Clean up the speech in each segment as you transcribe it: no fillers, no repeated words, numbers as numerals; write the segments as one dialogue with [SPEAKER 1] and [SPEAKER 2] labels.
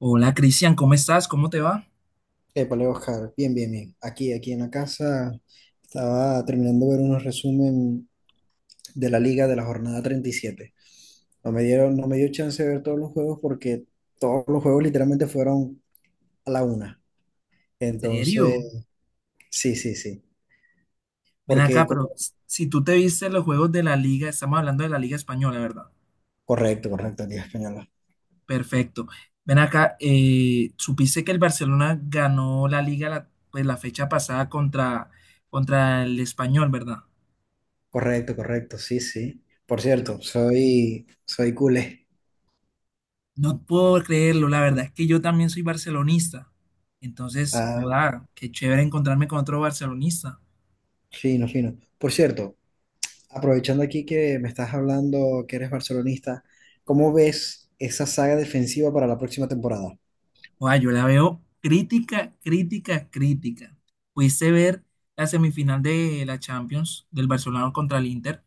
[SPEAKER 1] Hola Cristian, ¿cómo estás? ¿Cómo te va?
[SPEAKER 2] Épale, Oscar, bien, bien, bien. Aquí en la casa estaba terminando de ver unos resumen de la liga de la jornada 37. No me dio chance de ver todos los juegos porque todos los juegos literalmente fueron a la 1.
[SPEAKER 1] ¿Serio?
[SPEAKER 2] Entonces, sí, sí, sí.
[SPEAKER 1] Ven
[SPEAKER 2] Porque,
[SPEAKER 1] acá,
[SPEAKER 2] co-
[SPEAKER 1] pero si tú te viste los juegos de la liga, estamos hablando de la liga española, ¿verdad?
[SPEAKER 2] Correcto, correcto, Liga Española.
[SPEAKER 1] Perfecto. Ven acá, ¿supiste que el Barcelona ganó la liga la fecha pasada contra el Español, ¿verdad?
[SPEAKER 2] Correcto, correcto, sí, sí. Por
[SPEAKER 1] Y co-
[SPEAKER 2] cierto, soy culé.
[SPEAKER 1] No puedo creerlo, la verdad es que yo también soy barcelonista. Entonces,
[SPEAKER 2] Ah,
[SPEAKER 1] joder, qué chévere encontrarme con otro barcelonista.
[SPEAKER 2] fino, fino. Por cierto, aprovechando aquí que me estás hablando que eres barcelonista, ¿cómo ves esa saga defensiva para la próxima temporada?
[SPEAKER 1] Guau, yo la veo crítica, crítica, crítica. Pudiste ver la semifinal de la Champions del Barcelona contra el Inter.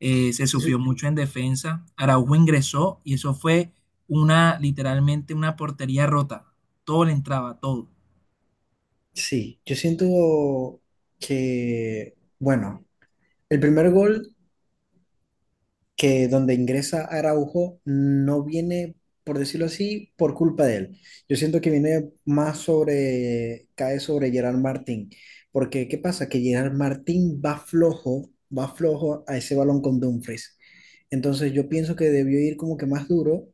[SPEAKER 1] Se sufrió
[SPEAKER 2] Sí,
[SPEAKER 1] mucho en defensa. Araujo ingresó y eso fue una, literalmente una portería rota. Todo le entraba, todo.
[SPEAKER 2] sí, yo siento que, bueno, el primer gol que donde ingresa Araujo no viene, por decirlo así, por culpa de él. Yo siento que viene más sobre, cae sobre Gerard Martín, porque ¿qué pasa? Que Gerard Martín va flojo a ese balón con Dumfries. Entonces yo pienso que debió ir como que más duro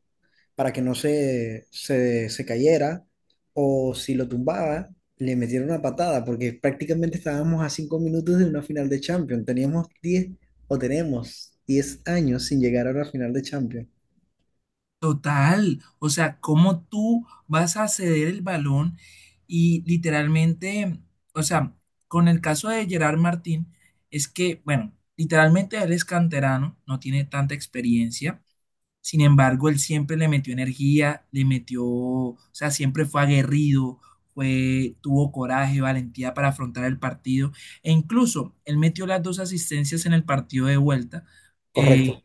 [SPEAKER 2] para que no se cayera, o si lo tumbaba, le metieron una patada, porque prácticamente estábamos a 5 minutos de una final de Champions. Teníamos 10 o tenemos 10 años sin llegar a una final de Champions.
[SPEAKER 1] Total. O sea, ¿cómo tú vas a ceder el balón y literalmente, o sea, con el caso de Gerard Martín, es que, bueno, literalmente él es canterano, no tiene tanta experiencia. Sin embargo, él siempre le metió energía, le metió, o sea, siempre fue aguerrido, fue, tuvo coraje, valentía para afrontar el partido. E incluso él metió las dos asistencias en el partido de vuelta. eh,
[SPEAKER 2] Correcto.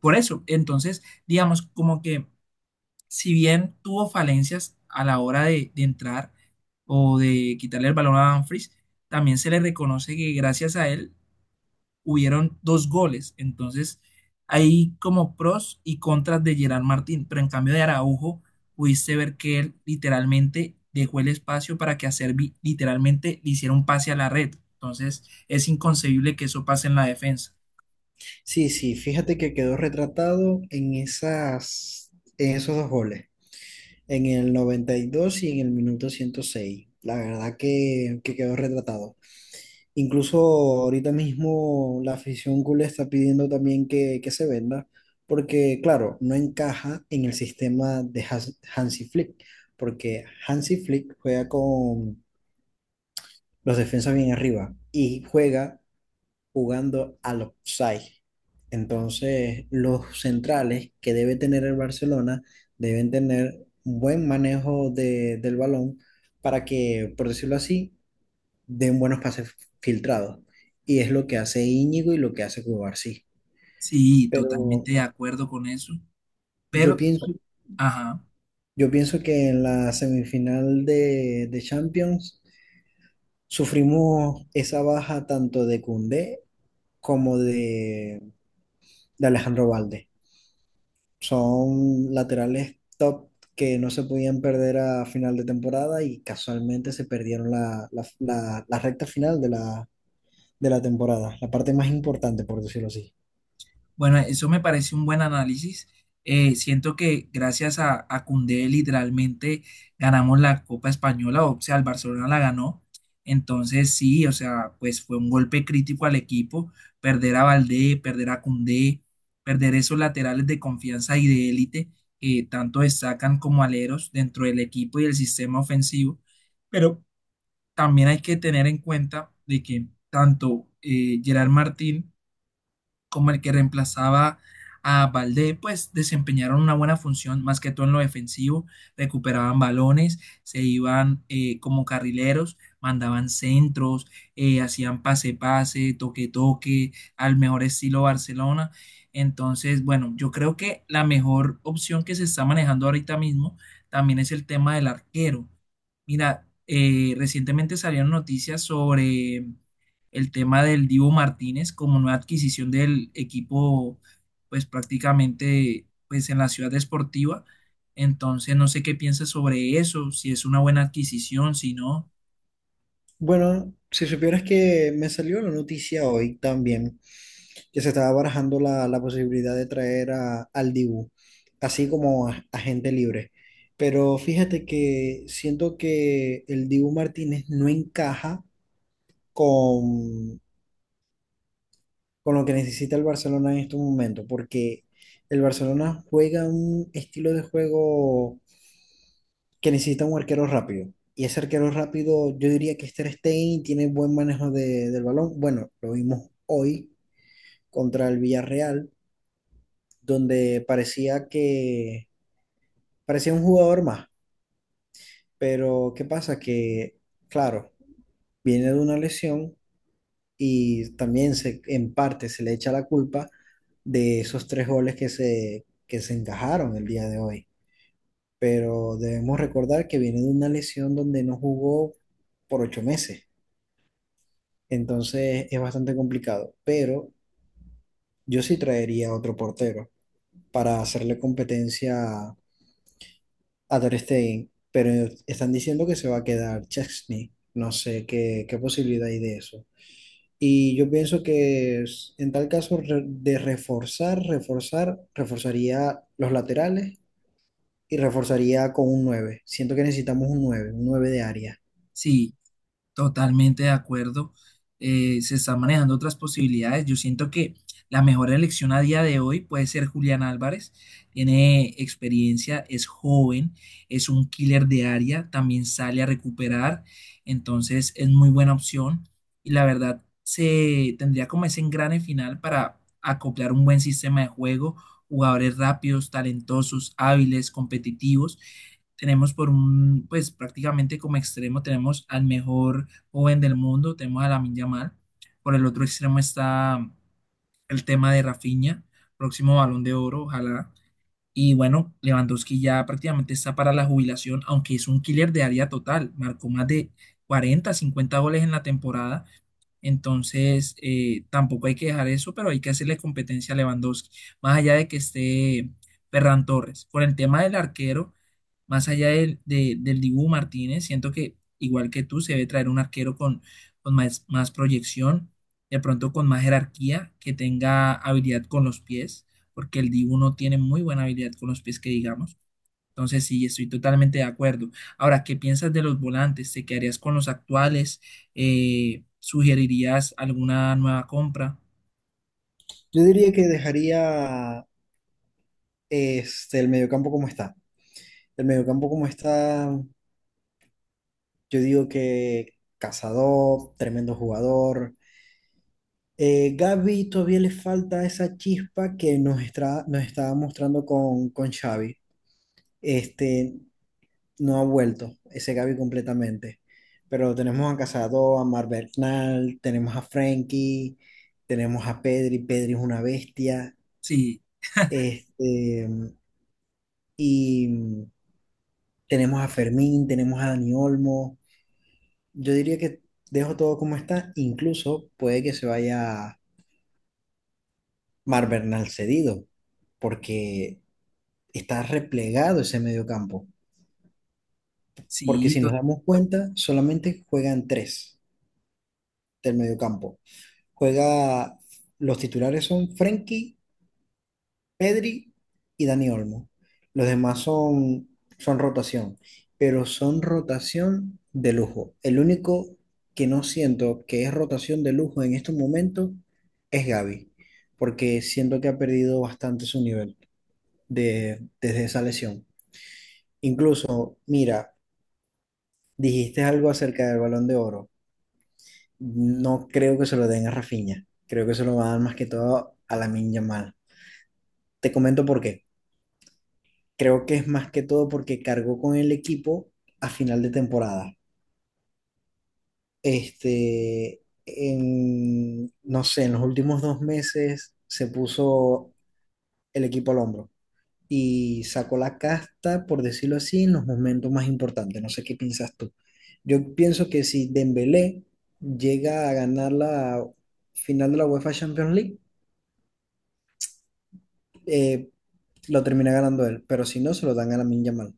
[SPEAKER 1] por eso, entonces, digamos, como que si bien tuvo falencias a la hora de entrar o de quitarle el balón a Dumfries, también se le reconoce que gracias a él hubieron dos goles. Entonces, hay como pros y contras de Gerard Martín, pero en cambio de Araujo, pudiste ver que él literalmente dejó el espacio para que a Servi literalmente le hiciera un pase a la red. Entonces, es inconcebible que eso pase en la defensa.
[SPEAKER 2] Sí, sí, fíjate que quedó retratado en esas, en esos dos goles, en el 92 y en el minuto 106. La verdad que quedó retratado. Incluso ahorita mismo la afición culé está pidiendo también que se venda, porque claro, no encaja en el sistema de Hansi Flick, porque Hansi Flick juega con los defensas bien arriba y juega jugando al offside. Entonces, los centrales que debe tener el Barcelona deben tener un buen manejo del balón para que, por decirlo así, den buenos pases filtrados. Y es lo que hace Íñigo y lo que hace Cubarsí.
[SPEAKER 1] Sí,
[SPEAKER 2] Pero
[SPEAKER 1] totalmente de acuerdo con eso,
[SPEAKER 2] yo
[SPEAKER 1] pero,
[SPEAKER 2] pienso,
[SPEAKER 1] ajá.
[SPEAKER 2] yo pienso que en la semifinal de Champions sufrimos esa baja tanto de Koundé como de Alejandro Valde. Son laterales top que no se podían perder a final de temporada y casualmente se perdieron la recta final de la temporada, la parte más importante, por decirlo así.
[SPEAKER 1] Bueno, eso me parece un buen análisis. Siento que gracias a Koundé literalmente ganamos la Copa Española, o sea, el Barcelona la ganó. Entonces sí, o sea, pues fue un golpe crítico al equipo, perder a Valdé, perder a Koundé, perder esos laterales de confianza y de élite que tanto destacan como aleros dentro del equipo y del sistema ofensivo. Pero también hay que tener en cuenta de que tanto Gerard Martín como el que reemplazaba a Valdé, pues desempeñaron una buena función, más que todo en lo defensivo, recuperaban balones, se iban como carrileros, mandaban centros, hacían pase-pase, toque-toque, al mejor estilo Barcelona. Entonces, bueno, yo creo que la mejor opción que se está manejando ahorita mismo también es el tema del arquero. Mira, recientemente salieron noticias sobre el tema del Divo Martínez como nueva adquisición del equipo, pues prácticamente pues, en la ciudad deportiva. Entonces, no sé qué piensas sobre eso, si es una buena adquisición, si no,
[SPEAKER 2] Bueno, si supieras que me salió la noticia hoy también, que se estaba barajando la posibilidad de traer al Dibu, así como a gente libre. Pero fíjate que siento que el Dibu Martínez no encaja con, con lo que necesita el Barcelona en estos momentos, porque el Barcelona juega un estilo de juego que necesita un arquero rápido. Y ese arquero rápido, yo diría que es Ter Stegen tiene buen manejo del balón. Bueno, lo vimos hoy contra el Villarreal, donde parecía un jugador más. Pero ¿qué pasa? Que, claro, viene de una lesión y también se, en parte se le echa la culpa de esos 3 goles que se encajaron el día de hoy. Pero debemos recordar que viene de una lesión donde no jugó por 8 meses. Entonces es bastante complicado, pero yo sí traería otro portero para hacerle competencia a Ter Stegen, pero están diciendo que se va a quedar Chesney. No sé qué posibilidad hay de eso. Y yo pienso que es- en tal caso re- de reforzar, reforzar, reforzaría los laterales y reforzaría con un 9. Siento que necesitamos un 9, un 9 de área.
[SPEAKER 1] si. Totalmente de acuerdo. Se están manejando otras posibilidades. Yo siento que la mejor elección a día de hoy puede ser Julián Álvarez. Tiene experiencia, es joven, es un killer de área, también sale a recuperar. Entonces es muy buena opción. Y la verdad, se tendría como ese engrane final para acoplar un buen sistema de juego, jugadores rápidos, talentosos, hábiles, competitivos. Tenemos por un, pues prácticamente como extremo, tenemos al mejor joven del mundo, tenemos a Lamine Yamal. Por el otro extremo está el tema de Rafinha, próximo Balón de Oro, ojalá. Y bueno, Lewandowski ya prácticamente está para la jubilación, aunque es un killer de área total, marcó más de 40, 50 goles en la temporada. Entonces, tampoco hay que dejar eso, pero hay que hacerle competencia a Lewandowski, más allá de que esté Ferran Torres. Por el tema del arquero, más allá del Dibu Martínez, siento que igual que tú, se debe traer un arquero con más, más proyección, de pronto con más jerarquía, que tenga habilidad con los pies, porque el Dibu no tiene muy buena habilidad con los pies, que digamos. Entonces, sí, estoy totalmente de acuerdo. Ahora, ¿qué piensas de los volantes? ¿Te quedarías con los actuales? ¿Sugerirías alguna nueva compra?
[SPEAKER 2] Yo diría que dejaría este, el mediocampo como está. El mediocampo como está, yo digo que Cazador, tremendo jugador. Gavi todavía le falta esa chispa que nos estaba mostrando con Xavi. Este, no ha vuelto ese Gaby completamente. Pero tenemos a Casado, a Mar Bernal, tenemos a Frankie, tenemos a Pedri, Pedri es una bestia,
[SPEAKER 1] Sí,
[SPEAKER 2] este, y tenemos a Fermín, tenemos a Dani Olmo. Yo diría que dejo todo como está, incluso puede que se vaya Mar Bernal cedido, porque está replegado ese mediocampo. Porque
[SPEAKER 1] sí,
[SPEAKER 2] si nos
[SPEAKER 1] to-.
[SPEAKER 2] damos cuenta, solamente juegan 3 del mediocampo. Juega, los titulares son Frenkie, Pedri y Dani Olmo. Los demás son, son rotación, pero son rotación de lujo. El único que no siento que es rotación de lujo en estos momentos es Gavi, porque siento que ha perdido bastante su nivel desde esa lesión. Incluso, mira, dijiste algo acerca del Balón de Oro. No creo que se lo den a Rafinha. Creo que se lo van a dar más que todo a la Yamal. Te comento por qué. Creo que es más que todo porque cargó con el equipo a final de temporada. Este, en, no sé, en los últimos 2 meses se puso el equipo al hombro y sacó la casta, por decirlo así, en los momentos más importantes. No sé qué piensas tú. Yo pienso que si Dembélé llega a ganar la final de la UEFA Champions League, eh, lo termina ganando él, pero si no, se lo dan a la Yamal.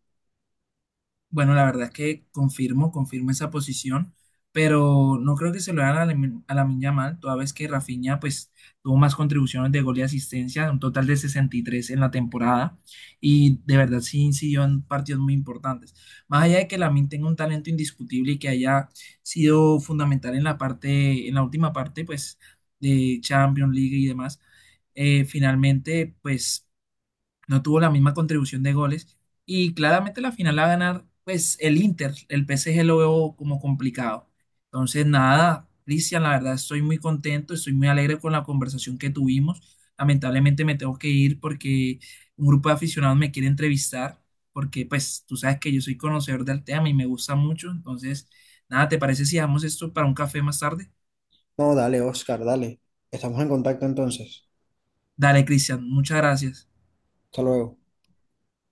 [SPEAKER 1] Bueno, la verdad es que confirmo, confirmo esa posición, pero no creo que se lo hagan a a Lamine Yamal, toda vez que Rafinha pues tuvo más contribuciones de gol y asistencia, un total de 63 en la temporada, y de verdad sí incidió en partidos muy importantes. Más allá de que Lamine tenga un talento indiscutible y que haya sido fundamental en la parte, en la última parte pues de Champions League y demás, finalmente pues no tuvo la misma contribución de goles y claramente la final la va a ganar pues el Inter, el PSG lo veo como complicado. Entonces nada, Cristian, la verdad estoy muy contento, estoy muy alegre con la conversación que tuvimos. Lamentablemente me tengo que ir porque un grupo de aficionados me quiere entrevistar porque pues tú sabes que yo soy conocedor del tema y me gusta mucho. Entonces nada, ¿te parece si dejamos esto para un café más tarde?
[SPEAKER 2] No, dale, Oscar, dale. Estamos en contacto entonces.
[SPEAKER 1] Dale, Cristian, muchas gracias.
[SPEAKER 2] Hasta luego.